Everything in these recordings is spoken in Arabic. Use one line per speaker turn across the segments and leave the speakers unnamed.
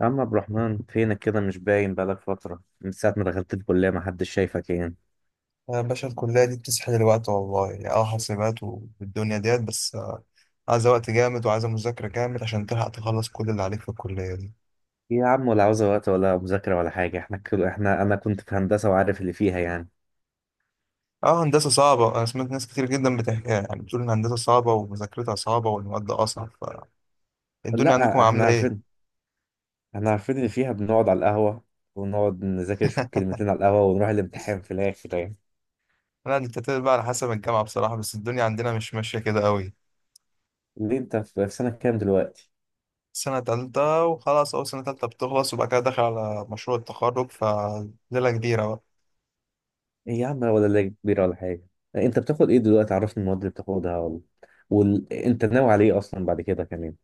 يا عم عبد الرحمن، فينك كده؟ مش باين بقالك فترة، من ساعة ما دخلت الكلية محدش شايفك يعني.
يا باشا الكلية دي بتسحل الوقت والله يعني حاسبات والدنيا ديت بس، عايزة وقت جامد وعايزة مذاكرة جامد عشان تلحق تخلص كل اللي عليك في الكلية دي.
إيه يا عم، ولا عاوزة وقت ولا مذاكرة ولا حاجة. احنا كل احنا، أنا كنت في هندسة وعارف اللي فيها يعني.
اه، هندسة صعبة، أنا سمعت ناس كتير جدا بتحكي، يعني بتقول إن هندسة صعبة ومذاكرتها صعبة والمواد أصعب. فالدنيا عندكم
لا احنا
عاملة إيه؟
عارفين، احنا عارفين اللي فيها، بنقعد على القهوة ونقعد نذاكر شوية كلمتين على القهوة ونروح الامتحان في الآخر يعني.
لا، دي بتعتمد بقى على حسب الجامعة بصراحة، بس الدنيا عندنا مش ماشية كده قوي.
ليه أنت في سنة كام دلوقتي؟
سنة تالتة، وخلاص أول سنة تالتة بتخلص وبعد كده داخل على مشروع التخرج، فليلة كبيرة بقى.
إيه يا عم، ولا لا كبيرة ولا حاجة. أنت بتاخد إيه دلوقتي؟ عرفني المواد اللي بتاخدها، ولا أنت ناوي على إيه أصلا بعد كده كمان؟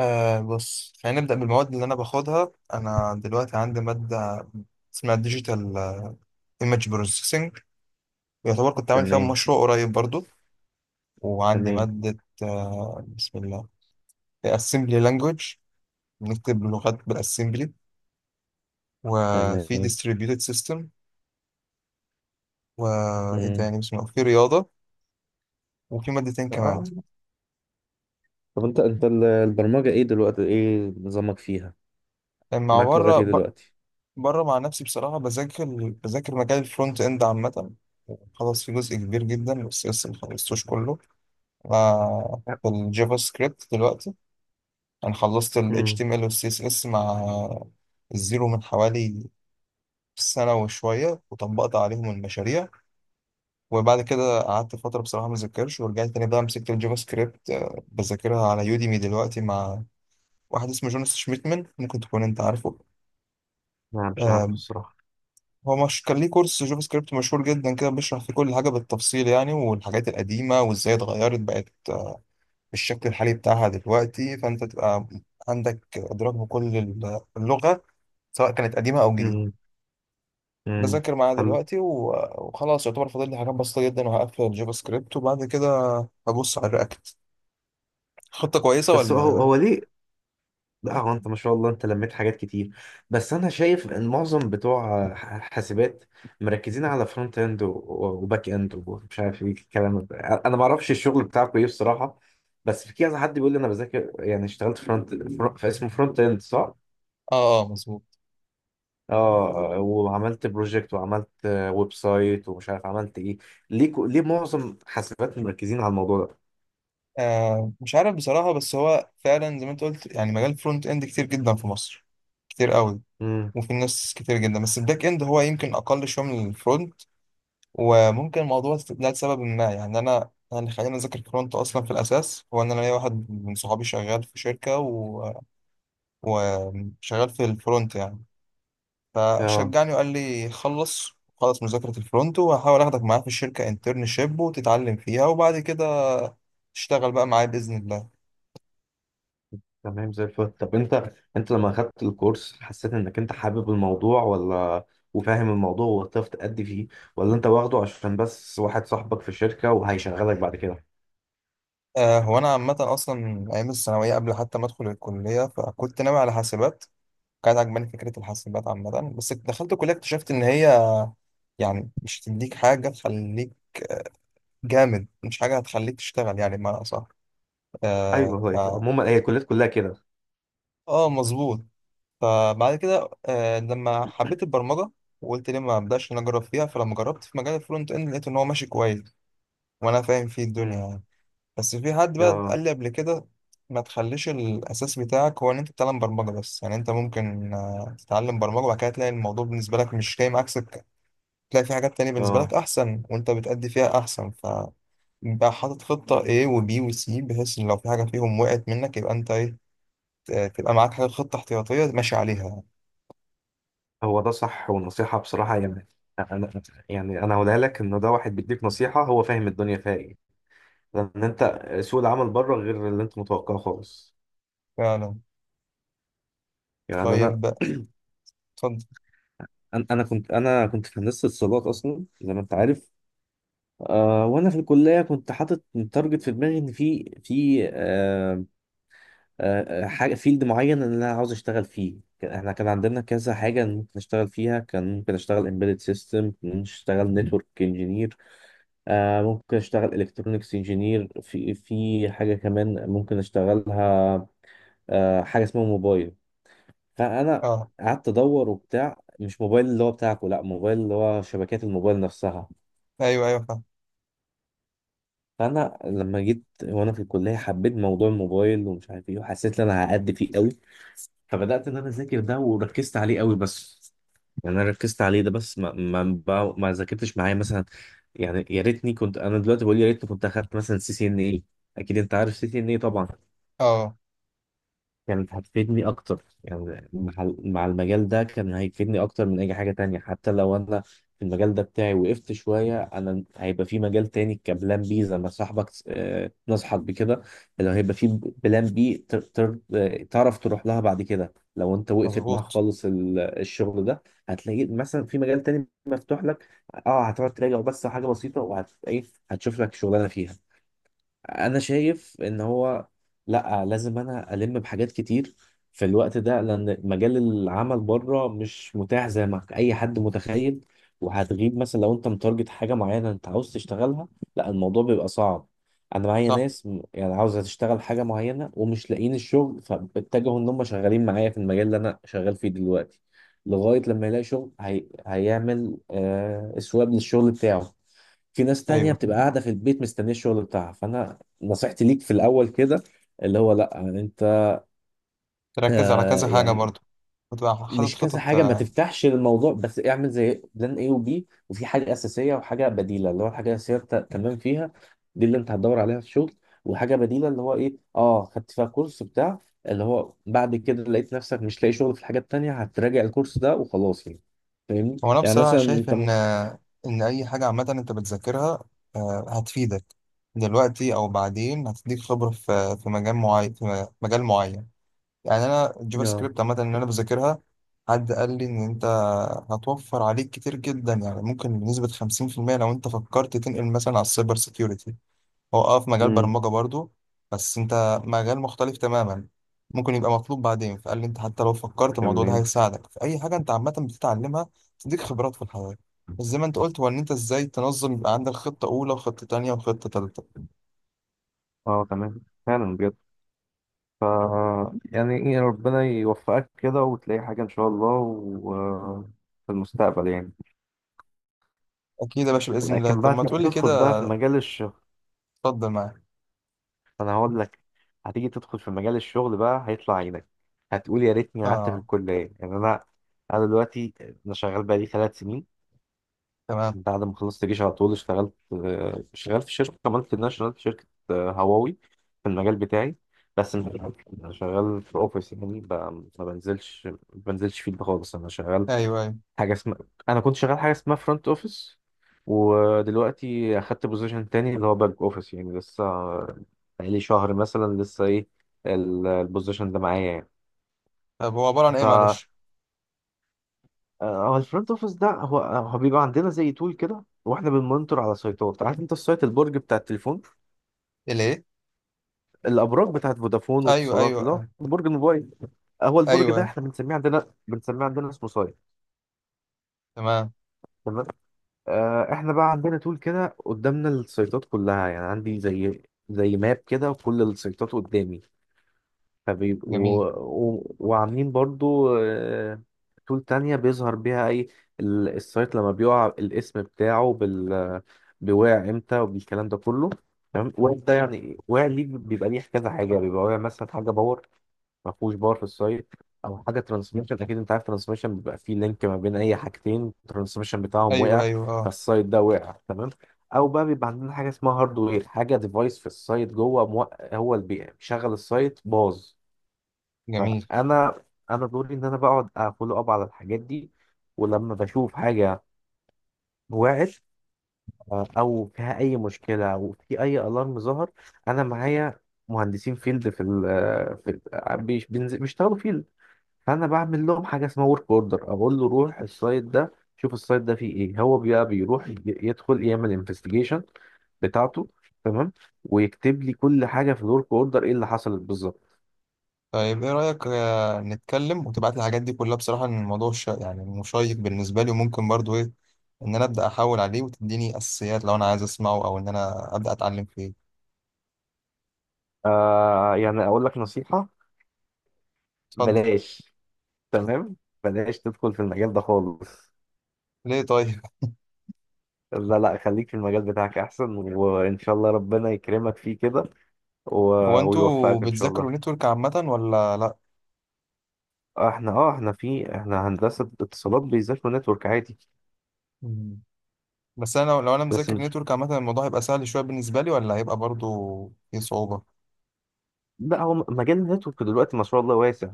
بص، خلينا نبدأ بالمواد اللي أنا باخدها. أنا دلوقتي عندي مادة اسمها ديجيتال ايمج بروسيسنج، يعتبر كنت عامل فيها
تمام.
مشروع قريب برضو. وعندي
تمام.
مادة، بسم الله، assembly language، بنكتب لغات بالاسمبلي. وفي
تمام.
distributed system. وإيه
مم.
تاني، بسم الله، في رياضة. وفي مادتين كمان.
اه. طب انت البرمجة ايه دلوقتي؟ ايه نظامك فيها؟
مع
معاك لغات
بره
ايه دلوقتي؟
بره مع نفسي بصراحة بذاكر مجال الفرونت إند عامة. خلاص، في جزء كبير جدا بس لسه ما خلصتوش كله. في الجافا سكريبت دلوقتي انا خلصت ال
امم.
HTML وال CSS مع الزيرو من حوالي سنة وشوية، وطبقت عليهم المشاريع. وبعد كده قعدت فترة بصراحة ما ذاكرش، ورجعت تاني بقى مسكت الجافا سكريبت، بذاكرها على يوديمي دلوقتي مع واحد اسمه جوناس شميتمن، ممكن تكون انت عارفه.
لا مش عارف
آه،
الصراحة.
هو مش كان ليه كورس جافا سكريبت مشهور جدا كده، بيشرح فيه كل حاجة بالتفصيل، يعني والحاجات القديمة وازاي اتغيرت بقت بالشكل الحالي بتاعها دلوقتي، فانت تبقى عندك ادراك بكل اللغه، سواء كانت قديمه او جديده.
امم. امم.
بذاكر معاها
حلو.
دلوقتي وخلاص، يعتبر فاضل لي حاجات بسيطه جدا، وهقفل الجافا سكريبت وبعد كده هبص على الرياكت. خطه كويسه
بس هو
ولا؟
هو ليه؟ لا هو انت ما شاء الله انت لميت حاجات كتير، بس انا شايف ان معظم بتوع حاسبات مركزين على فرونت اند وباك اند ومش عارف ايه الكلام ده، انا ما اعرفش الشغل بتاعكم ايه الصراحة. بس في كذا حد بيقول لي انا بذاكر، يعني اشتغلت فرونت، فاسمه فرونت اند صح؟
اه اه، مظبوط.
اه، وعملت بروجكت وعملت ويب سايت ومش عارف عملت ايه. ليه ليه معظم حاسبات مركزين على الموضوع ده؟
مش عارف بصراحه، بس هو فعلا زي ما انت قلت، يعني مجال فرونت اند كتير جدا في مصر، كتير قوي.
امم.
وفي ناس كتير جدا، بس الباك اند هو يمكن اقل شويه من الفرونت. وممكن موضوع استبدال سبب ما، يعني انا يعني خلينا نذاكر كرونت، اصلا في الاساس هو ان انا ليا واحد من صحابي شغال في شركه وشغال في الفرونت يعني.
اه.
فشجعني وقال لي خلص خلص مذاكره الفرونت، وهحاول اخدك معايا في الشركه انترنشيب وتتعلم فيها، وبعد كده تشتغل بقى معايا باذن الله.
تمام زي الفل. طب انت لما اخدت الكورس حسيت انك انت حابب الموضوع، ولا وفاهم الموضوع وهتعرف تأدي فيه، ولا انت واخده عشان بس واحد صاحبك في الشركة وهيشغلك بعد كده؟
هو انا عامه اصلا من ايام الثانويه قبل حتى ما ادخل الكليه، فكنت ناوي على حاسبات، كانت عجباني فكره الحاسبات عامه. بس دخلت الكليه اكتشفت ان هي يعني مش هتديك حاجة تخليك جامد، مش حاجة هتخليك تشتغل يعني بمعنى أصح.
ايوه
آه ف...
هو كده. عموما هي الكليات كلها كده.
آه، مظبوط. فبعد كده، لما حبيت البرمجة وقلت ليه ما أبدأش إن أنا أجرب فيها، فلما جربت في مجال الفرونت إند لقيت إن هو ماشي كويس، وأنا فاهم فيه الدنيا
امم.
يعني. بس في حد بقى
اه.
قال لي قبل كده، ما تخليش الأساس بتاعك هو إن أنت تتعلم برمجة بس، يعني أنت ممكن تتعلم برمجة وبعد كده تلاقي الموضوع بالنسبة لك مش جاي معاك سكة، تلاقي في حاجات تانية بالنسبة لك
اه.
أحسن وأنت بتأدي فيها أحسن. انت حاطط خطة A و B و C، بحيث ان لو في حاجة فيهم وقعت منك يبقى انت ايه، تبقى معاك حاجة، خطة احتياطية ماشي عليها يعني.
هو ده صح، ونصيحة بصراحة يعني. أنا يعني أنا هقولها لك، إن ده واحد بيديك نصيحة هو فاهم الدنيا فيها إيه، لأن أنت سوق العمل بره غير اللي أنت متوقعه خالص.
فعلا.
يعني أنا،
طيب، اتفضل.
أنا كنت في هندسة اتصالات أصلا زي ما أنت عارف. آه، وأنا في الكلية كنت حاطط تارجت في دماغي، إن في حاجة فيلد معين إن أنا عاوز أشتغل فيه. احنا كان عندنا كذا حاجة ممكن أشتغل فيها، كان ممكن أشتغل embedded system، ممكن أشتغل network engineer، آه ممكن اشتغل الكترونكس انجينير، في حاجه كمان ممكن اشتغلها، آه حاجه اسمها موبايل. فانا
اه،
قعدت ادور وبتاع، مش موبايل اللي هو بتاعكم، لا، موبايل اللي هو شبكات الموبايل نفسها.
ايوه ايوه، فاهم.
فانا لما جيت وانا في الكليه حبيت موضوع الموبايل ومش عارف ايه، وحسيت ان انا هأدي فيه قوي، فبدات ان انا اذاكر ده وركزت عليه قوي. بس يعني انا ركزت عليه ده بس، ما ذاكرتش معايا مثلا. يعني يا ريتني، كنت انا دلوقتي بقول يا ريتني كنت اخدت مثلا سي سي ان اي. اكيد انت عارف سي سي ان اي طبعا.
اه،
كانت هتفيدني اكتر، يعني مع المجال ده كان هيفيدني اكتر من اي حاجة تانية. حتى لو انا في المجال ده بتاعي وقفت شوية، انا هيبقى في مجال تاني كبلان بي، زي ما صاحبك نصحك بكده، اللي هيبقى في بلان بي تعرف تروح لها بعد كده لو انت وقفت معاك
مظبوط.
خالص الشغل ده. هتلاقي مثلا في مجال تاني مفتوح لك، اه هتقعد تراجع بس حاجة بسيطة وهت ايه، هتشوف لك شغلانة فيها. انا شايف ان هو، لا لازم انا الم بحاجات كتير في الوقت ده، لان مجال العمل بره مش متاح زي ما اي حد متخيل. وهتغيب مثلا، لو انت متارجت حاجه معينه انت عاوز تشتغلها، لا الموضوع بيبقى صعب. انا معايا
صح.
ناس يعني عاوزه تشتغل حاجه معينه ومش لاقيين الشغل، فاتجهوا ان هم شغالين معايا في المجال اللي انا شغال فيه دلوقتي لغايه لما يلاقي شغل. هيعمل اسواب للشغل بتاعه. في ناس تانية
ايوه،
بتبقى قاعدة في البيت مستنية الشغل بتاعها. فأنا نصيحتي ليك في الأول كده، اللي هو لأ أنت
تركز على كذا حاجة
يعني
برضو، وتبقى حاطط
مش كذا
خطط
حاجة، ما
آه.
تفتحش الموضوع، بس اعمل زي بلان A وبي، وفي حاجة أساسية وحاجة بديلة. اللي هو الحاجة الأساسية أنت تمام فيها، دي اللي أنت هتدور عليها في الشغل. وحاجة بديلة اللي هو إيه، أه خدت فيها كورس بتاع، اللي هو بعد كده لقيت نفسك مش لاقي شغل في الحاجة التانية، هتراجع الكورس ده وخلاص يعني. فاهمني
هو انا
يعني،
بصراحة
مثلا
شايف
أنت
ان، ان اي حاجة عامة انت بتذاكرها، هتفيدك دلوقتي او بعدين، هتديك خبرة في مجال معين، في مجال معين. يعني انا الجافا
آه.
سكريبت عامه ان انا بذاكرها، حد قال لي ان انت هتوفر عليك كتير جدا، يعني ممكن بنسبه 50% لو انت فكرت تنقل مثلا على السايبر سيكيورتي. هو في مجال
امم.
برمجه برضو، بس انت مجال مختلف تماما، ممكن يبقى مطلوب بعدين. فقال لي انت حتى لو فكرت، الموضوع ده
تمام.
هيساعدك في اي حاجه انت عامه بتتعلمها، تديك خبرات في الحياه. بس زي ما انت قلت، هو ان انت ازاي تنظم، يبقى عندك خطه اولى وخطه تانيه وخطه تالته.
اه تمام فعلا بجد. ف يعني ربنا يوفقك كده وتلاقي حاجة إن شاء الله و... في المستقبل يعني.
اكيد يا باشا، باذن الله.
لكن
طب
بقى
ما
تيجي
تقول لي
تدخل بقى
كده،
في مجال الشغل،
اتفضل معايا.
أنا هقول لك، هتيجي تدخل في مجال الشغل بقى هيطلع عينك، هتقول يا ريتني قعدت في
اه،
الكلية. يعني أنا، أنا دلوقتي، أنا شغال بقالي 3 سنين.
تمام.
بعد ما خلصت جيش على طول اشتغلت شغال في شركة مالتي ناشونال، في شركة هواوي، في المجال بتاعي. بس مش- أنا شغال في أوفيس يعني ما بنزلش فيلد خالص. أنا شغال
ايوه، أيوه.
حاجه اسمها، انا كنت شغال حاجه اسمها فرونت اوفيس، ودلوقتي اخدت بوزيشن تاني اللي هو باك اوفيس. يعني لسه بقالي شهر مثلا، لسه ايه البوزيشن ده معايا يعني.
طب هو عبارة عن
ف
ايه،
آه،
معلش؟
هو الفرونت اوفيس ده، هو بيبقى عندنا زي تول كده، واحنا بنمونيتور على سايتات. عارف انت السايت، البرج بتاع التليفون،
الايه؟
الابراج بتاعت فودافون
ايوه
واتصالات
ايوه،
اللي هو
آه.
برج الموبايل؟ هو البرج ده
ايوه.
احنا بنسميه عندنا اسمه سايت.
تمام.
تمام. آه، احنا بقى عندنا تول كده قدامنا السيطات كلها، يعني عندي زي، زي ماب كده وكل السيطات قدامي. فبيبقوا
جميل.
و... وعاملين برضو تول تانية بيظهر بيها اي السايت لما بيقع، الاسم بتاعه بال، بيوقع امتى وبالكلام ده كله. تمام، واقع ده يعني واقع ليه، بيبقى ليه كذا حاجة. بيبقى واقع مثلا حاجة باور، ما فيهوش باور في السايت، او حاجه ترانسميشن. اكيد انت عارف ترانسميشن، بيبقى فيه لينك ما بين اي حاجتين الترانسميشن بتاعهم
ايوه
وقع،
ايوه، اه.
فالسايت ده وقع تمام. او بقى بيبقى عندنا حاجه اسمها هاردوير، حاجه ديفايس في السايت جوه هو اللي بيشغل السايت باظ.
جميل.
فانا انا دوري ان انا بقعد افولو اب على الحاجات دي، ولما بشوف حاجه وقعت، او فيها اي مشكله، او في اي الارم ظهر، انا معايا مهندسين فيلد في بيشتغلوا فيلد. فانا بعمل لهم حاجه اسمها ورك اوردر، اقول له روح السايت ده شوف السايت ده فيه ايه، هو بقى بيروح يدخل يعمل انفستيجيشن بتاعته. تمام، ويكتب لي كل حاجه في الورك اوردر ايه اللي حصلت بالظبط.
طيب، ايه رأيك نتكلم وتبعت لي الحاجات دي كلها، بصراحة ان الموضوع يعني مشيق بالنسبة لي، وممكن برضو ايه، ان انا ابدا احاول عليه وتديني اساسيات، لو انا عايز اسمعه او ان انا ابدا اتعلم فيه.
آه يعني اقول لك نصيحه،
اتفضل.
بلاش، تمام، بلاش تدخل في المجال ده خالص.
ليه طيب؟
لا لا خليك في المجال بتاعك احسن، وان شاء الله ربنا يكرمك فيه كده
هو انتوا
ويوفقك ان شاء الله.
بتذاكروا نتورك عامة ولا لا؟
آه، احنا اه احنا في احنا هندسه اتصالات بيذاكروا نتورك عادي.
مم. بس انا لو انا
بس
مذاكر نتورك عامة، الموضوع هيبقى سهل شوية بالنسبة لي، ولا هيبقى برضو فيه صعوبة؟
لا، هو مجال النتورك دلوقتي ما شاء الله واسع،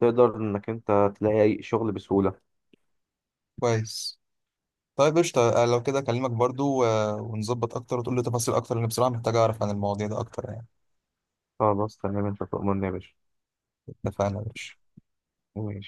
تقدر انك انت تلاقي اي شغل بسهولة.
كويس. طيب، قشطة، لو كده أكلمك برضو ونظبط أكتر، وتقول لي تفاصيل أكتر، لأن بصراحة محتاج أعرف عن المواضيع ده أكتر يعني.
خلاص تمام انت تؤمرني يا باشا.
اتفقنا يا باشا.
ماشي.